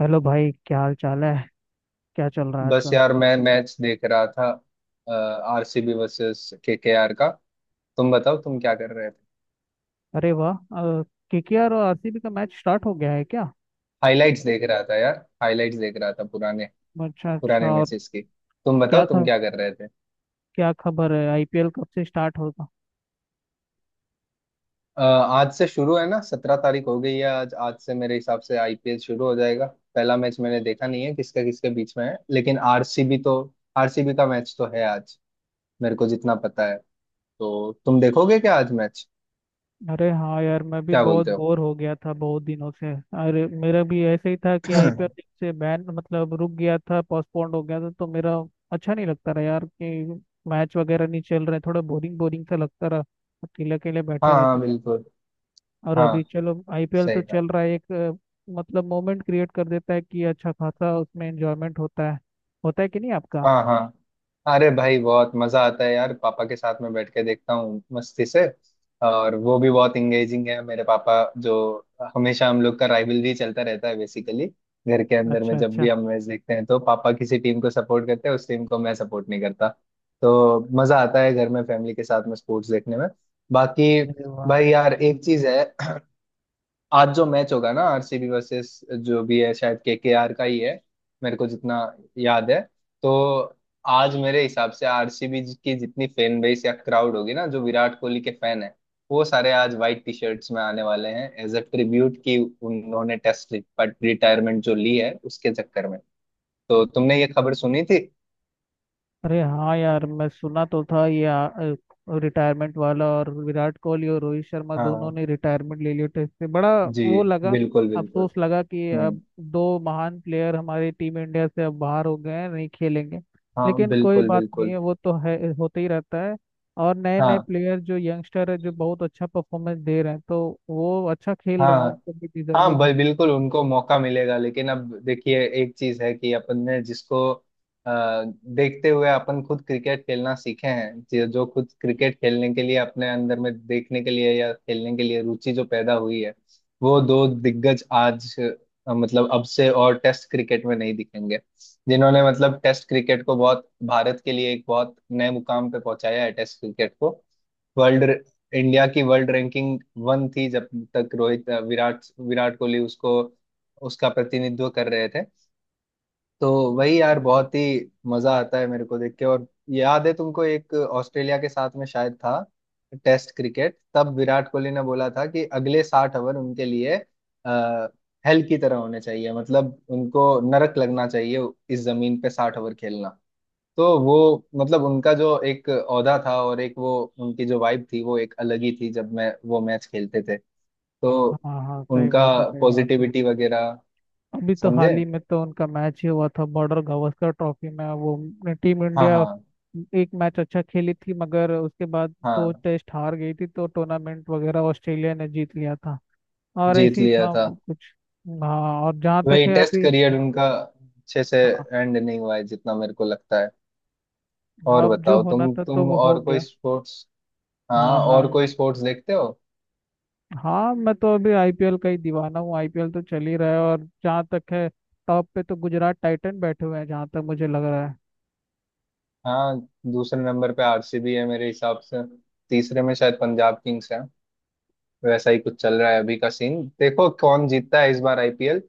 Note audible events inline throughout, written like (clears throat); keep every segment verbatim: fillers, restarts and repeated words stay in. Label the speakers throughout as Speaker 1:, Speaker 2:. Speaker 1: Hello भाई, क्या हाल चाल है। क्या चल रहा है
Speaker 2: बस
Speaker 1: आजकल।
Speaker 2: यार मैं मैच देख रहा था। आरसीबी वर्सेस केकेआर का। तुम बताओ तुम क्या कर रहे थे।
Speaker 1: अरे वाह, केकेआर और आरसीबी का मैच स्टार्ट हो गया है क्या।
Speaker 2: हाइलाइट्स देख रहा था यार। हाइलाइट्स देख रहा था पुराने।
Speaker 1: अच्छा अच्छा,
Speaker 2: पुराने
Speaker 1: और
Speaker 2: मैचेस की। तुम बताओ
Speaker 1: क्या
Speaker 2: तुम
Speaker 1: ख,
Speaker 2: क्या कर रहे थे।
Speaker 1: क्या खबर है, आईपीएल कब से स्टार्ट होगा।
Speaker 2: अ, आज से शुरू है ना, सत्रह तारीख हो गई है आज। आज से मेरे हिसाब से आईपीएल शुरू हो जाएगा। पहला मैच मैंने देखा नहीं है किसका किसके बीच में है, लेकिन आरसीबी तो, आरसीबी का मैच तो है आज, मेरे को जितना पता है। तो तुम देखोगे क्या आज मैच?
Speaker 1: अरे हाँ यार, मैं भी
Speaker 2: क्या
Speaker 1: बहुत
Speaker 2: बोलते हो?
Speaker 1: बोर हो गया था बहुत दिनों से। अरे मेरा भी ऐसे ही था
Speaker 2: (clears throat)
Speaker 1: कि आईपीएल
Speaker 2: हाँ।
Speaker 1: जब से बैन, मतलब रुक गया था, पोस्टपोन्ड हो गया था, तो मेरा अच्छा नहीं लगता रहा यार कि मैच वगैरह नहीं चल रहे, थोड़ा बोरिंग बोरिंग सा लगता रहा। अकेले अकेले बैठे रहते।
Speaker 2: हाँ बिल्कुल।
Speaker 1: और अभी
Speaker 2: हाँ
Speaker 1: चलो आईपीएल तो
Speaker 2: सही बात।
Speaker 1: चल रहा है एक अ, मतलब मोमेंट क्रिएट कर देता है कि अच्छा खासा उसमें एंजॉयमेंट होता है। होता है कि नहीं आपका।
Speaker 2: हाँ हाँ। अरे भाई बहुत मजा आता है यार, पापा के साथ में बैठ के देखता हूँ मस्ती से। और वो भी बहुत इंगेजिंग है मेरे पापा, जो हमेशा हम लोग का राइवलरी चलता रहता है बेसिकली। घर के अंदर में
Speaker 1: अच्छा
Speaker 2: जब
Speaker 1: अच्छा।
Speaker 2: भी हम मैच देखते हैं तो पापा किसी टीम को सपोर्ट करते हैं, उस टीम को मैं सपोर्ट नहीं करता। तो मजा आता है घर में फैमिली के साथ में स्पोर्ट्स देखने में। बाकी
Speaker 1: अरे वाह।
Speaker 2: भाई यार एक चीज है। (clears throat) आज जो मैच होगा ना आरसीबी वर्सेस, जो भी है शायद केकेआर का ही है, मेरे को जितना याद है। तो आज मेरे हिसाब से आरसीबी की जितनी फैन बेस या क्राउड होगी ना, जो विराट कोहली के फैन है, वो सारे आज व्हाइट टी शर्ट्स में आने वाले हैं एज अ ट्रिब्यूट, कि उन्होंने टेस्ट रिटायरमेंट जो ली है उसके चक्कर में। तो तुमने ये खबर सुनी थी?
Speaker 1: अरे हाँ यार, मैं सुना तो था ये रिटायरमेंट वाला। और विराट कोहली और रोहित शर्मा दोनों
Speaker 2: हाँ
Speaker 1: ने रिटायरमेंट ले लिया टेस्ट से, बड़ा
Speaker 2: जी।
Speaker 1: वो लगा,
Speaker 2: बिल्कुल बिल्कुल।
Speaker 1: अफसोस लगा कि
Speaker 2: हम्म।
Speaker 1: अब दो महान प्लेयर हमारी टीम इंडिया से अब बाहर हो गए हैं, नहीं खेलेंगे।
Speaker 2: हाँ
Speaker 1: लेकिन कोई
Speaker 2: बिल्कुल
Speaker 1: बात नहीं
Speaker 2: बिल्कुल।
Speaker 1: है, वो तो है, होते ही रहता है। और नए नए
Speaker 2: हाँ
Speaker 1: प्लेयर जो यंगस्टर है जो बहुत अच्छा परफॉर्मेंस दे रहे हैं, तो वो अच्छा खेल रहे हैं,
Speaker 2: हाँ।
Speaker 1: उनको भी
Speaker 2: हाँ
Speaker 1: डिजर्विंग
Speaker 2: भाई बिल्कुल उनको मौका मिलेगा। लेकिन अब देखिए एक चीज है कि अपन ने जिसको अ, देखते हुए अपन खुद क्रिकेट खेलना सीखे हैं, जो जो खुद क्रिकेट खेलने के लिए अपने अंदर में देखने के लिए या खेलने के लिए रुचि जो पैदा हुई है, वो दो दिग्गज आज अ, मतलब अब से और टेस्ट क्रिकेट में नहीं दिखेंगे। जिन्होंने मतलब टेस्ट क्रिकेट को बहुत भारत के लिए एक बहुत नए मुकाम पे पहुंचाया है टेस्ट क्रिकेट को। वर्ल्ड, इंडिया की वर्ल्ड रैंकिंग वन थी जब तक रोहित विराट विराट कोहली उसको, उसका प्रतिनिधित्व कर रहे थे। तो वही यार,
Speaker 1: है।
Speaker 2: बहुत ही मजा आता है मेरे को देख के। और याद है तुमको एक ऑस्ट्रेलिया के साथ में शायद था टेस्ट क्रिकेट, तब विराट कोहली ने बोला था कि अगले साठ ओवर उनके लिए आ, हेल की तरह होने चाहिए, मतलब उनको नरक लगना चाहिए इस जमीन पे साठ ओवर खेलना। तो वो मतलब उनका जो एक औहदा था, और एक वो उनकी जो वाइब थी वो एक अलग ही थी जब मैं वो मैच खेलते थे। तो
Speaker 1: हाँ हाँ, सही
Speaker 2: उनका
Speaker 1: बात है, सही बात है।
Speaker 2: पॉजिटिविटी वगैरह,
Speaker 1: अभी तो
Speaker 2: समझे?
Speaker 1: हाल ही में तो उनका मैच ही हुआ था बॉर्डर गावस्कर ट्रॉफी में, वो टीम
Speaker 2: हाँ
Speaker 1: इंडिया
Speaker 2: हाँ।
Speaker 1: एक मैच अच्छा खेली थी, मगर उसके बाद दो
Speaker 2: हाँ
Speaker 1: टेस्ट हार गई थी, तो टूर्नामेंट वगैरह ऑस्ट्रेलिया ने जीत लिया था। और
Speaker 2: जीत
Speaker 1: ऐसे ही
Speaker 2: लिया
Speaker 1: था
Speaker 2: था।
Speaker 1: वो कुछ। हाँ, और जहाँ
Speaker 2: वही
Speaker 1: तक है
Speaker 2: टेस्ट
Speaker 1: अभी,
Speaker 2: करियर उनका अच्छे से
Speaker 1: हाँ
Speaker 2: एंड नहीं हुआ है, जितना मेरे को लगता है। और
Speaker 1: अब जो
Speaker 2: बताओ
Speaker 1: होना
Speaker 2: तुम
Speaker 1: था तो
Speaker 2: तुम
Speaker 1: वो हो
Speaker 2: और कोई
Speaker 1: गया।
Speaker 2: स्पोर्ट्स, हाँ
Speaker 1: हाँ हाँ
Speaker 2: और कोई स्पोर्ट्स देखते हो?
Speaker 1: हाँ, मैं तो अभी आईपीएल का ही दीवाना हूँ। आईपीएल तो चल ही रहा है, और जहाँ तक है टॉप पे तो गुजरात टाइटन बैठे हुए हैं, जहाँ तक मुझे लग रहा है।
Speaker 2: हाँ। दूसरे नंबर पे आरसीबी है मेरे हिसाब से। तीसरे में शायद पंजाब किंग्स है। वैसा ही कुछ चल रहा है अभी का सीन, देखो कौन जीतता है इस बार आईपीएल।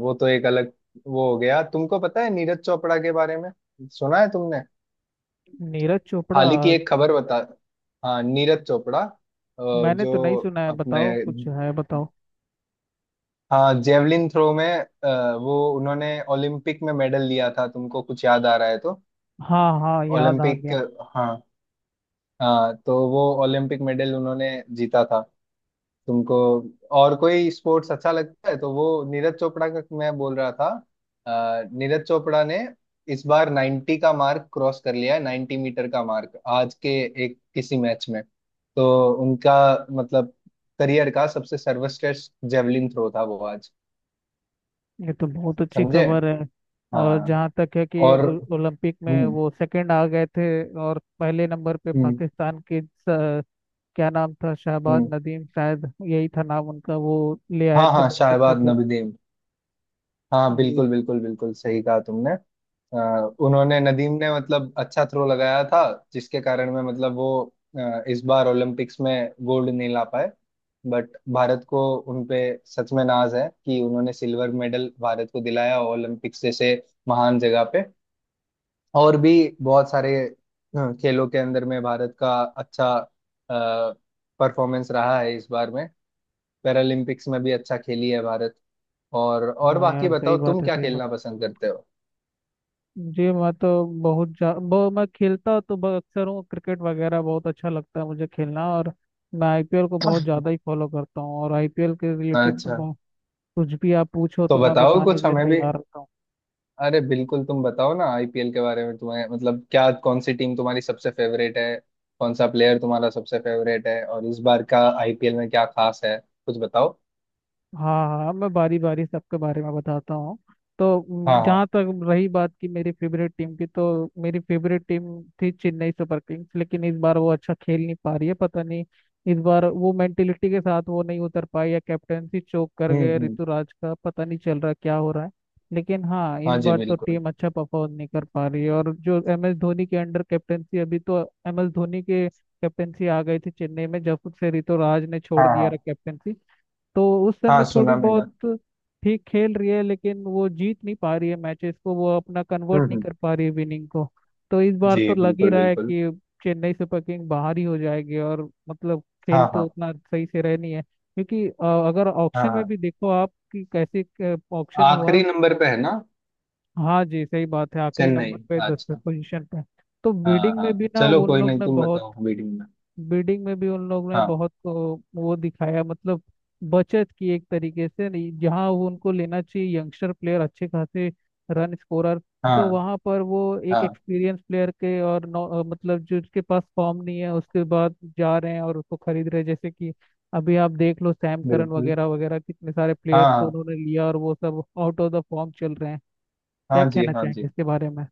Speaker 2: वो तो एक अलग, वो हो गया। तुमको पता है नीरज चोपड़ा के बारे में? सुना है तुमने
Speaker 1: नीरज चोपड़ा?
Speaker 2: हाल ही की एक खबर? बता। हाँ नीरज चोपड़ा अ,
Speaker 1: मैंने तो नहीं
Speaker 2: जो
Speaker 1: सुना है,
Speaker 2: अपने,
Speaker 1: बताओ कुछ है, बताओ।
Speaker 2: हाँ जेवलिन थ्रो में, अ, वो उन्होंने ओलंपिक में मेडल लिया था, तुमको कुछ याद आ रहा है तो?
Speaker 1: हाँ हाँ, याद आ
Speaker 2: ओलंपिक।
Speaker 1: गया।
Speaker 2: हाँ हाँ तो वो ओलंपिक मेडल उन्होंने जीता था। तुमको और कोई स्पोर्ट्स अच्छा लगता है तो? वो नीरज चोपड़ा का मैं बोल रहा था। अ, नीरज चोपड़ा ने इस बार नब्बे का मार्क क्रॉस कर लिया है, नब्बे मीटर का मार्क, आज के एक किसी मैच में। तो उनका मतलब करियर का सबसे सर्वश्रेष्ठ जेवलिन थ्रो था वो आज।
Speaker 1: ये तो बहुत अच्छी
Speaker 2: समझे?
Speaker 1: खबर है। और
Speaker 2: हाँ
Speaker 1: जहाँ तक है कि
Speaker 2: और,
Speaker 1: ओ- ओलंपिक में
Speaker 2: हम्म
Speaker 1: वो सेकंड आ गए थे। और पहले नंबर पे
Speaker 2: हम्म
Speaker 1: पाकिस्तान के स- क्या नाम था, शहबाज
Speaker 2: हम्म,
Speaker 1: नदीम शायद, यही था नाम उनका। वो ले आए
Speaker 2: हाँ
Speaker 1: थे
Speaker 2: हाँ
Speaker 1: बहुत अच्छा
Speaker 2: शाहबाद
Speaker 1: पे।
Speaker 2: नबीदीम। हाँ
Speaker 1: जी
Speaker 2: बिल्कुल बिल्कुल बिल्कुल, सही कहा तुमने। अ, उन्होंने नदीम ने मतलब अच्छा थ्रो लगाया था, जिसके कारण में मतलब वो अ, इस बार ओलंपिक्स में गोल्ड नहीं ला पाए। बट भारत को उनपे सच में नाज है कि उन्होंने सिल्वर मेडल भारत को दिलाया ओलंपिक्स जैसे महान जगह पे। और भी बहुत सारे अ, खेलों के अंदर में भारत का अच्छा परफॉर्मेंस रहा है इस बार में। पैरालंपिक्स में भी अच्छा खेली है भारत। और और
Speaker 1: हाँ
Speaker 2: बाकी
Speaker 1: यार, सही
Speaker 2: बताओ तुम
Speaker 1: बात है,
Speaker 2: क्या
Speaker 1: सही बात
Speaker 2: खेलना
Speaker 1: है।
Speaker 2: पसंद करते हो?
Speaker 1: जी मैं तो बहुत जा बहु, मैं खेलता तो ब- अक्सर हूँ, क्रिकेट वगैरह बहुत अच्छा लगता है मुझे खेलना। और मैं आईपीएल को बहुत ज़्यादा ही फॉलो करता हूँ, और आईपीएल के रिलेटेड तो
Speaker 2: अच्छा।
Speaker 1: बहु- कुछ भी आप पूछो तो
Speaker 2: तो
Speaker 1: मैं
Speaker 2: बताओ
Speaker 1: बताने
Speaker 2: कुछ
Speaker 1: के लिए
Speaker 2: हमें भी।
Speaker 1: तैयार रहता हूँ।
Speaker 2: अरे बिल्कुल तुम बताओ ना, आईपीएल के बारे में तुम्हें मतलब क्या, कौन सी टीम तुम्हारी सबसे फेवरेट है, कौन सा प्लेयर तुम्हारा सबसे फेवरेट है, और इस बार का आईपीएल में क्या खास है, कुछ बताओ।
Speaker 1: हाँ हाँ हाँ, मैं बारी बारी सबके बारे में बताता हूँ। तो
Speaker 2: हाँ हाँ।
Speaker 1: जहाँ तक रही बात की मेरी फेवरेट टीम की, तो मेरी फेवरेट टीम थी चेन्नई सुपर किंग्स, लेकिन इस बार वो अच्छा खेल नहीं पा रही है। पता नहीं इस बार वो मेंटेलिटी के साथ वो नहीं उतर पाई, या कैप्टेंसी चोक कर
Speaker 2: हम्म
Speaker 1: गए,
Speaker 2: हम्म।
Speaker 1: ऋतुराज का पता नहीं चल रहा क्या हो रहा है। लेकिन हाँ, इस
Speaker 2: हाँ जी
Speaker 1: बार तो
Speaker 2: बिल्कुल।
Speaker 1: टीम अच्छा परफॉर्म नहीं कर पा रही है। और जो एम एस धोनी के अंडर कैप्टेंसी अभी तो, एम एस धोनी के कैप्टेंसी आ गई थी चेन्नई में जब से ऋतुराज ने छोड़
Speaker 2: हाँ
Speaker 1: दिया
Speaker 2: हाँ।
Speaker 1: कैप्टेंसी, तो उस समय
Speaker 2: हाँ
Speaker 1: थोड़ी
Speaker 2: सुना मैंने।
Speaker 1: बहुत ठीक खेल रही है, लेकिन वो जीत नहीं पा रही है मैचेस को, वो अपना
Speaker 2: हम्म
Speaker 1: कन्वर्ट नहीं
Speaker 2: हम्म।
Speaker 1: कर पा रही है विनिंग को। तो इस बार
Speaker 2: जी
Speaker 1: तो लग ही
Speaker 2: बिल्कुल
Speaker 1: रहा है
Speaker 2: बिल्कुल।
Speaker 1: कि चेन्नई सुपर किंग बाहर ही हो जाएगी। और मतलब
Speaker 2: हाँ
Speaker 1: खेल तो
Speaker 2: हाँ।
Speaker 1: उतना सही से रह नहीं है, क्योंकि अ, अगर
Speaker 2: हाँ
Speaker 1: ऑक्शन में
Speaker 2: हाँ।
Speaker 1: भी देखो आप कि कैसे ऑक्शन हुआ।
Speaker 2: आखिरी नंबर पे है ना?
Speaker 1: हाँ जी, सही बात है, आखिरी
Speaker 2: चेन्नई।
Speaker 1: नंबर पे, दसवें
Speaker 2: अच्छा।
Speaker 1: पोजीशन पे। तो
Speaker 2: हाँ
Speaker 1: बिडिंग में भी
Speaker 2: हाँ
Speaker 1: ना
Speaker 2: चलो
Speaker 1: उन
Speaker 2: कोई
Speaker 1: लोग
Speaker 2: नहीं,
Speaker 1: ने
Speaker 2: तुम
Speaker 1: बहुत,
Speaker 2: बताओ अभी टीम में।
Speaker 1: बिल्डिंग में भी उन लोगों ने
Speaker 2: हाँ।
Speaker 1: बहुत को- वो दिखाया, मतलब बचत की एक तरीके से नहीं, जहाँ वो उनको लेना चाहिए यंगस्टर प्लेयर अच्छे खासे रन स्कोरर, तो
Speaker 2: हाँ
Speaker 1: वहाँ पर वो एक
Speaker 2: हाँ
Speaker 1: एक्सपीरियंस प्लेयर के और नौ, अ, मतलब जो उसके पास फॉर्म नहीं है उसके बाद जा रहे हैं और उसको खरीद रहे हैं, जैसे कि अभी आप देख लो सैम करन
Speaker 2: बिल्कुल।
Speaker 1: वगैरह वगैरह कितने सारे प्लेयर्स को
Speaker 2: हाँ
Speaker 1: उन्होंने लिया और वो सब आउट ऑफ द फॉर्म चल रहे हैं। क्या
Speaker 2: हाँ जी
Speaker 1: कहना
Speaker 2: हाँ जी।
Speaker 1: चाहेंगे इसके बारे में।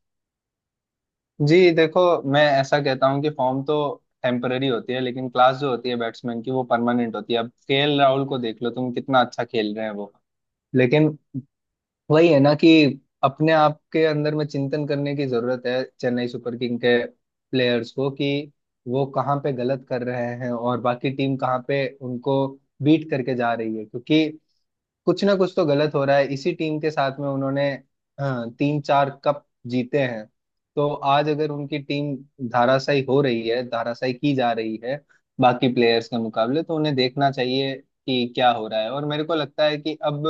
Speaker 2: जी देखो, मैं ऐसा कहता हूँ कि फॉर्म तो टेम्पररी होती है, लेकिन क्लास जो होती है बैट्समैन की, वो परमानेंट होती है। अब केएल राहुल को देख लो तुम, कितना अच्छा खेल रहे हैं वो। लेकिन वही है ना कि अपने आप के अंदर में चिंतन करने की जरूरत है चेन्नई सुपर किंग के प्लेयर्स को, कि वो कहाँ पे गलत कर रहे हैं और बाकी टीम कहाँ पे उनको बीट करके जा रही है, क्योंकि कुछ ना कुछ तो गलत हो रहा है। इसी टीम के साथ में उन्होंने, हाँ, तीन चार कप जीते हैं। तो आज अगर उनकी टीम धाराशायी हो रही है, धाराशायी की जा रही है बाकी प्लेयर्स के मुकाबले, तो उन्हें देखना चाहिए कि क्या हो रहा है। और मेरे को लगता है कि अब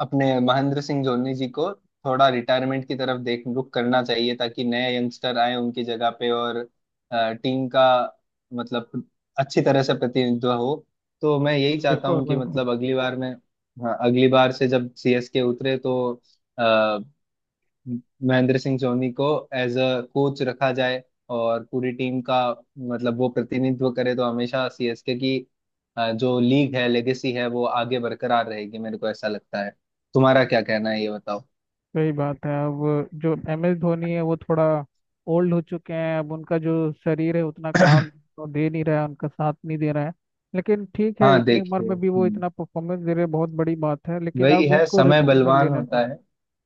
Speaker 2: अपने महेंद्र सिंह धोनी जी को थोड़ा रिटायरमेंट की तरफ देख, रुख करना चाहिए, ताकि नए यंगस्टर आए उनकी जगह पे और टीम का मतलब अच्छी तरह से प्रतिनिधित्व हो। तो मैं यही चाहता
Speaker 1: बिल्कुल
Speaker 2: हूँ कि
Speaker 1: बिल्कुल,
Speaker 2: मतलब अगली बार में, हाँ अगली बार से जब सीएसके उतरे तो महेंद्र सिंह धोनी को एज अ कोच रखा जाए, और पूरी टीम का मतलब वो प्रतिनिधित्व करे। तो हमेशा सीएसके की अ, जो लीग है, लेगेसी है, वो आगे बरकरार रहेगी, मेरे को ऐसा लगता है। तुम्हारा क्या कहना है ये बताओ।
Speaker 1: सही बात है। अब जो एम एस धोनी है वो थोड़ा ओल्ड हो चुके हैं, अब उनका जो शरीर है उतना काम
Speaker 2: (coughs)
Speaker 1: तो दे नहीं रहा है, उनका साथ नहीं दे रहा है। लेकिन ठीक है,
Speaker 2: हाँ
Speaker 1: इतनी उम्र
Speaker 2: देखिए,
Speaker 1: में भी वो
Speaker 2: हम्म,
Speaker 1: इतना परफॉर्मेंस दे रहे हैं, बहुत बड़ी बात है, लेकिन
Speaker 2: वही
Speaker 1: अब
Speaker 2: है,
Speaker 1: उनको
Speaker 2: समय
Speaker 1: रिटायरमेंट
Speaker 2: बलवान
Speaker 1: लेना
Speaker 2: होता
Speaker 1: पड़ा।
Speaker 2: है।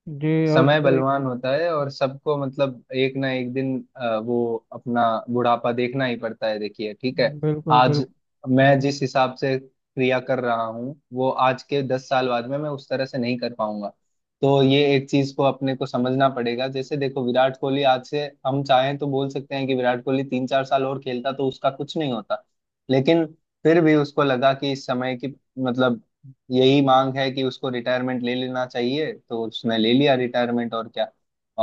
Speaker 1: जी, और
Speaker 2: समय
Speaker 1: अ,
Speaker 2: बलवान होता है, और सबको मतलब एक ना एक दिन अ, वो अपना बुढ़ापा देखना ही पड़ता है, देखिए ठीक है।
Speaker 1: बिल्कुल बिल्कुल।
Speaker 2: आज मैं जिस हिसाब से क्रिया कर रहा हूँ, वो आज के दस साल बाद में मैं उस तरह से नहीं कर पाऊंगा। तो ये एक चीज को अपने को समझना पड़ेगा। जैसे देखो विराट कोहली, आज से हम चाहें तो बोल सकते हैं कि विराट कोहली तीन चार साल और खेलता तो उसका कुछ नहीं होता, लेकिन फिर भी उसको लगा कि इस समय की मतलब यही मांग है कि उसको रिटायरमेंट ले लेना चाहिए, तो उसने ले लिया रिटायरमेंट और क्या।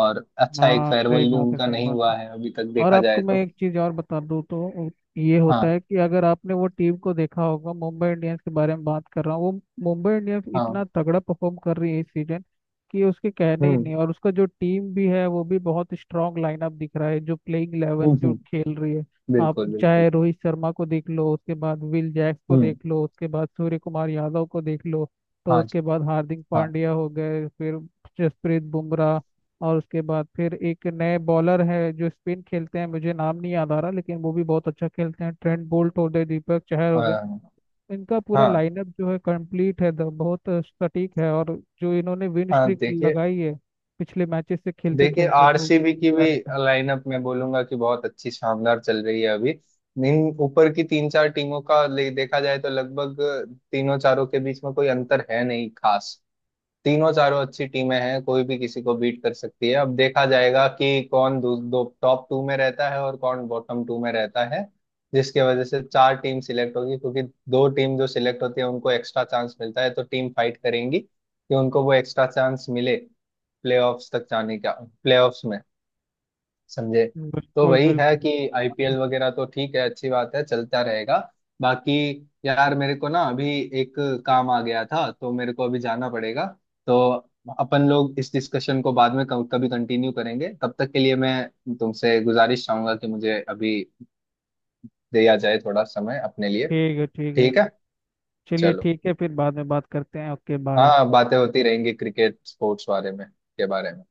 Speaker 2: और अच्छा, एक
Speaker 1: हाँ सही
Speaker 2: फेयरवेल भी
Speaker 1: बात है,
Speaker 2: उनका
Speaker 1: सही
Speaker 2: नहीं
Speaker 1: बात।
Speaker 2: हुआ है अभी तक,
Speaker 1: और
Speaker 2: देखा
Speaker 1: आपको
Speaker 2: जाए
Speaker 1: मैं
Speaker 2: तो।
Speaker 1: एक चीज़ और बता दूँ तो, ये होता
Speaker 2: हाँ
Speaker 1: है कि अगर आपने वो टीम को देखा होगा, मुंबई इंडियंस के बारे में बात कर रहा हूँ, वो मुंबई इंडियंस इतना
Speaker 2: हाँ।
Speaker 1: तगड़ा परफॉर्म कर रही है इस सीजन कि उसके कहने ही
Speaker 2: हम्म
Speaker 1: नहीं, और उसका जो टीम भी है वो भी बहुत स्ट्रांग लाइनअप दिख रहा है जो प्लेइंग
Speaker 2: हम्म
Speaker 1: इलेवन जो
Speaker 2: हम्म,
Speaker 1: खेल रही है। आप
Speaker 2: बिल्कुल बिल्कुल।
Speaker 1: चाहे रोहित शर्मा को देख लो, उसके बाद विल जैक्स को
Speaker 2: हम्म।
Speaker 1: देख लो, उसके बाद सूर्य कुमार यादव को देख लो, तो
Speaker 2: हाँ जी।
Speaker 1: उसके बाद हार्दिक
Speaker 2: हाँ।
Speaker 1: पांड्या हो गए, फिर जसप्रीत बुमराह, और उसके बाद फिर एक नए बॉलर है जो स्पिन खेलते हैं, मुझे नाम नहीं याद आ रहा, लेकिन वो भी बहुत अच्छा खेलते हैं, ट्रेंट बोल्ट हो गए, दीपक चहर
Speaker 2: अ,
Speaker 1: हो गए। इनका पूरा
Speaker 2: हाँ
Speaker 1: लाइनअप जो है कंप्लीट है, द- बहुत सटीक है, और जो इन्होंने विन
Speaker 2: हाँ
Speaker 1: स्ट्रीक
Speaker 2: देखिए।
Speaker 1: लगाई है पिछले मैचेस से खेलते
Speaker 2: देखिए
Speaker 1: खेलते, तो
Speaker 2: आरसीबी
Speaker 1: उसका भी
Speaker 2: की भी
Speaker 1: तारीफ है।
Speaker 2: लाइनअप मैं बोलूंगा कि बहुत अच्छी शानदार चल रही है अभी। इन ऊपर की तीन चार टीमों का ले देखा जाए तो लगभग तीनों चारों के बीच में कोई अंतर है नहीं खास। तीनों चारों अच्छी टीमें हैं, कोई भी किसी को बीट कर सकती है। अब देखा जाएगा कि कौन दो, दो टॉप टू में रहता है और कौन बॉटम टू में रहता है, जिसके वजह से चार टीम सिलेक्ट होगी। क्योंकि दो टीम जो सिलेक्ट होती है उनको एक्स्ट्रा चांस मिलता है, तो टीम फाइट करेंगी कि उनको वो एक्स्ट्रा चांस मिले, प्लेऑफ्स तक जाने का, प्लेऑफ्स में, समझे? तो
Speaker 1: बिल्कुल
Speaker 2: वही है
Speaker 1: बिल्कुल।
Speaker 2: कि आईपीएल वगैरह तो ठीक है, अच्छी बात है, चलता रहेगा। बाकी यार मेरे को ना अभी एक काम आ गया था, तो मेरे को अभी जाना पड़ेगा। तो अपन लोग इस डिस्कशन को बाद में कभी कभी कंटिन्यू करेंगे। तब तक के लिए मैं तुमसे गुजारिश चाहूंगा कि मुझे अभी दिया जाए थोड़ा समय अपने लिए।
Speaker 1: ठीक है, ठीक है।
Speaker 2: ठीक है।
Speaker 1: चलिए
Speaker 2: चलो।
Speaker 1: ठीक है, फिर बाद में बात करते हैं, ओके बाय।
Speaker 2: हाँ बातें होती रहेंगी क्रिकेट स्पोर्ट्स बारे में के बारे में।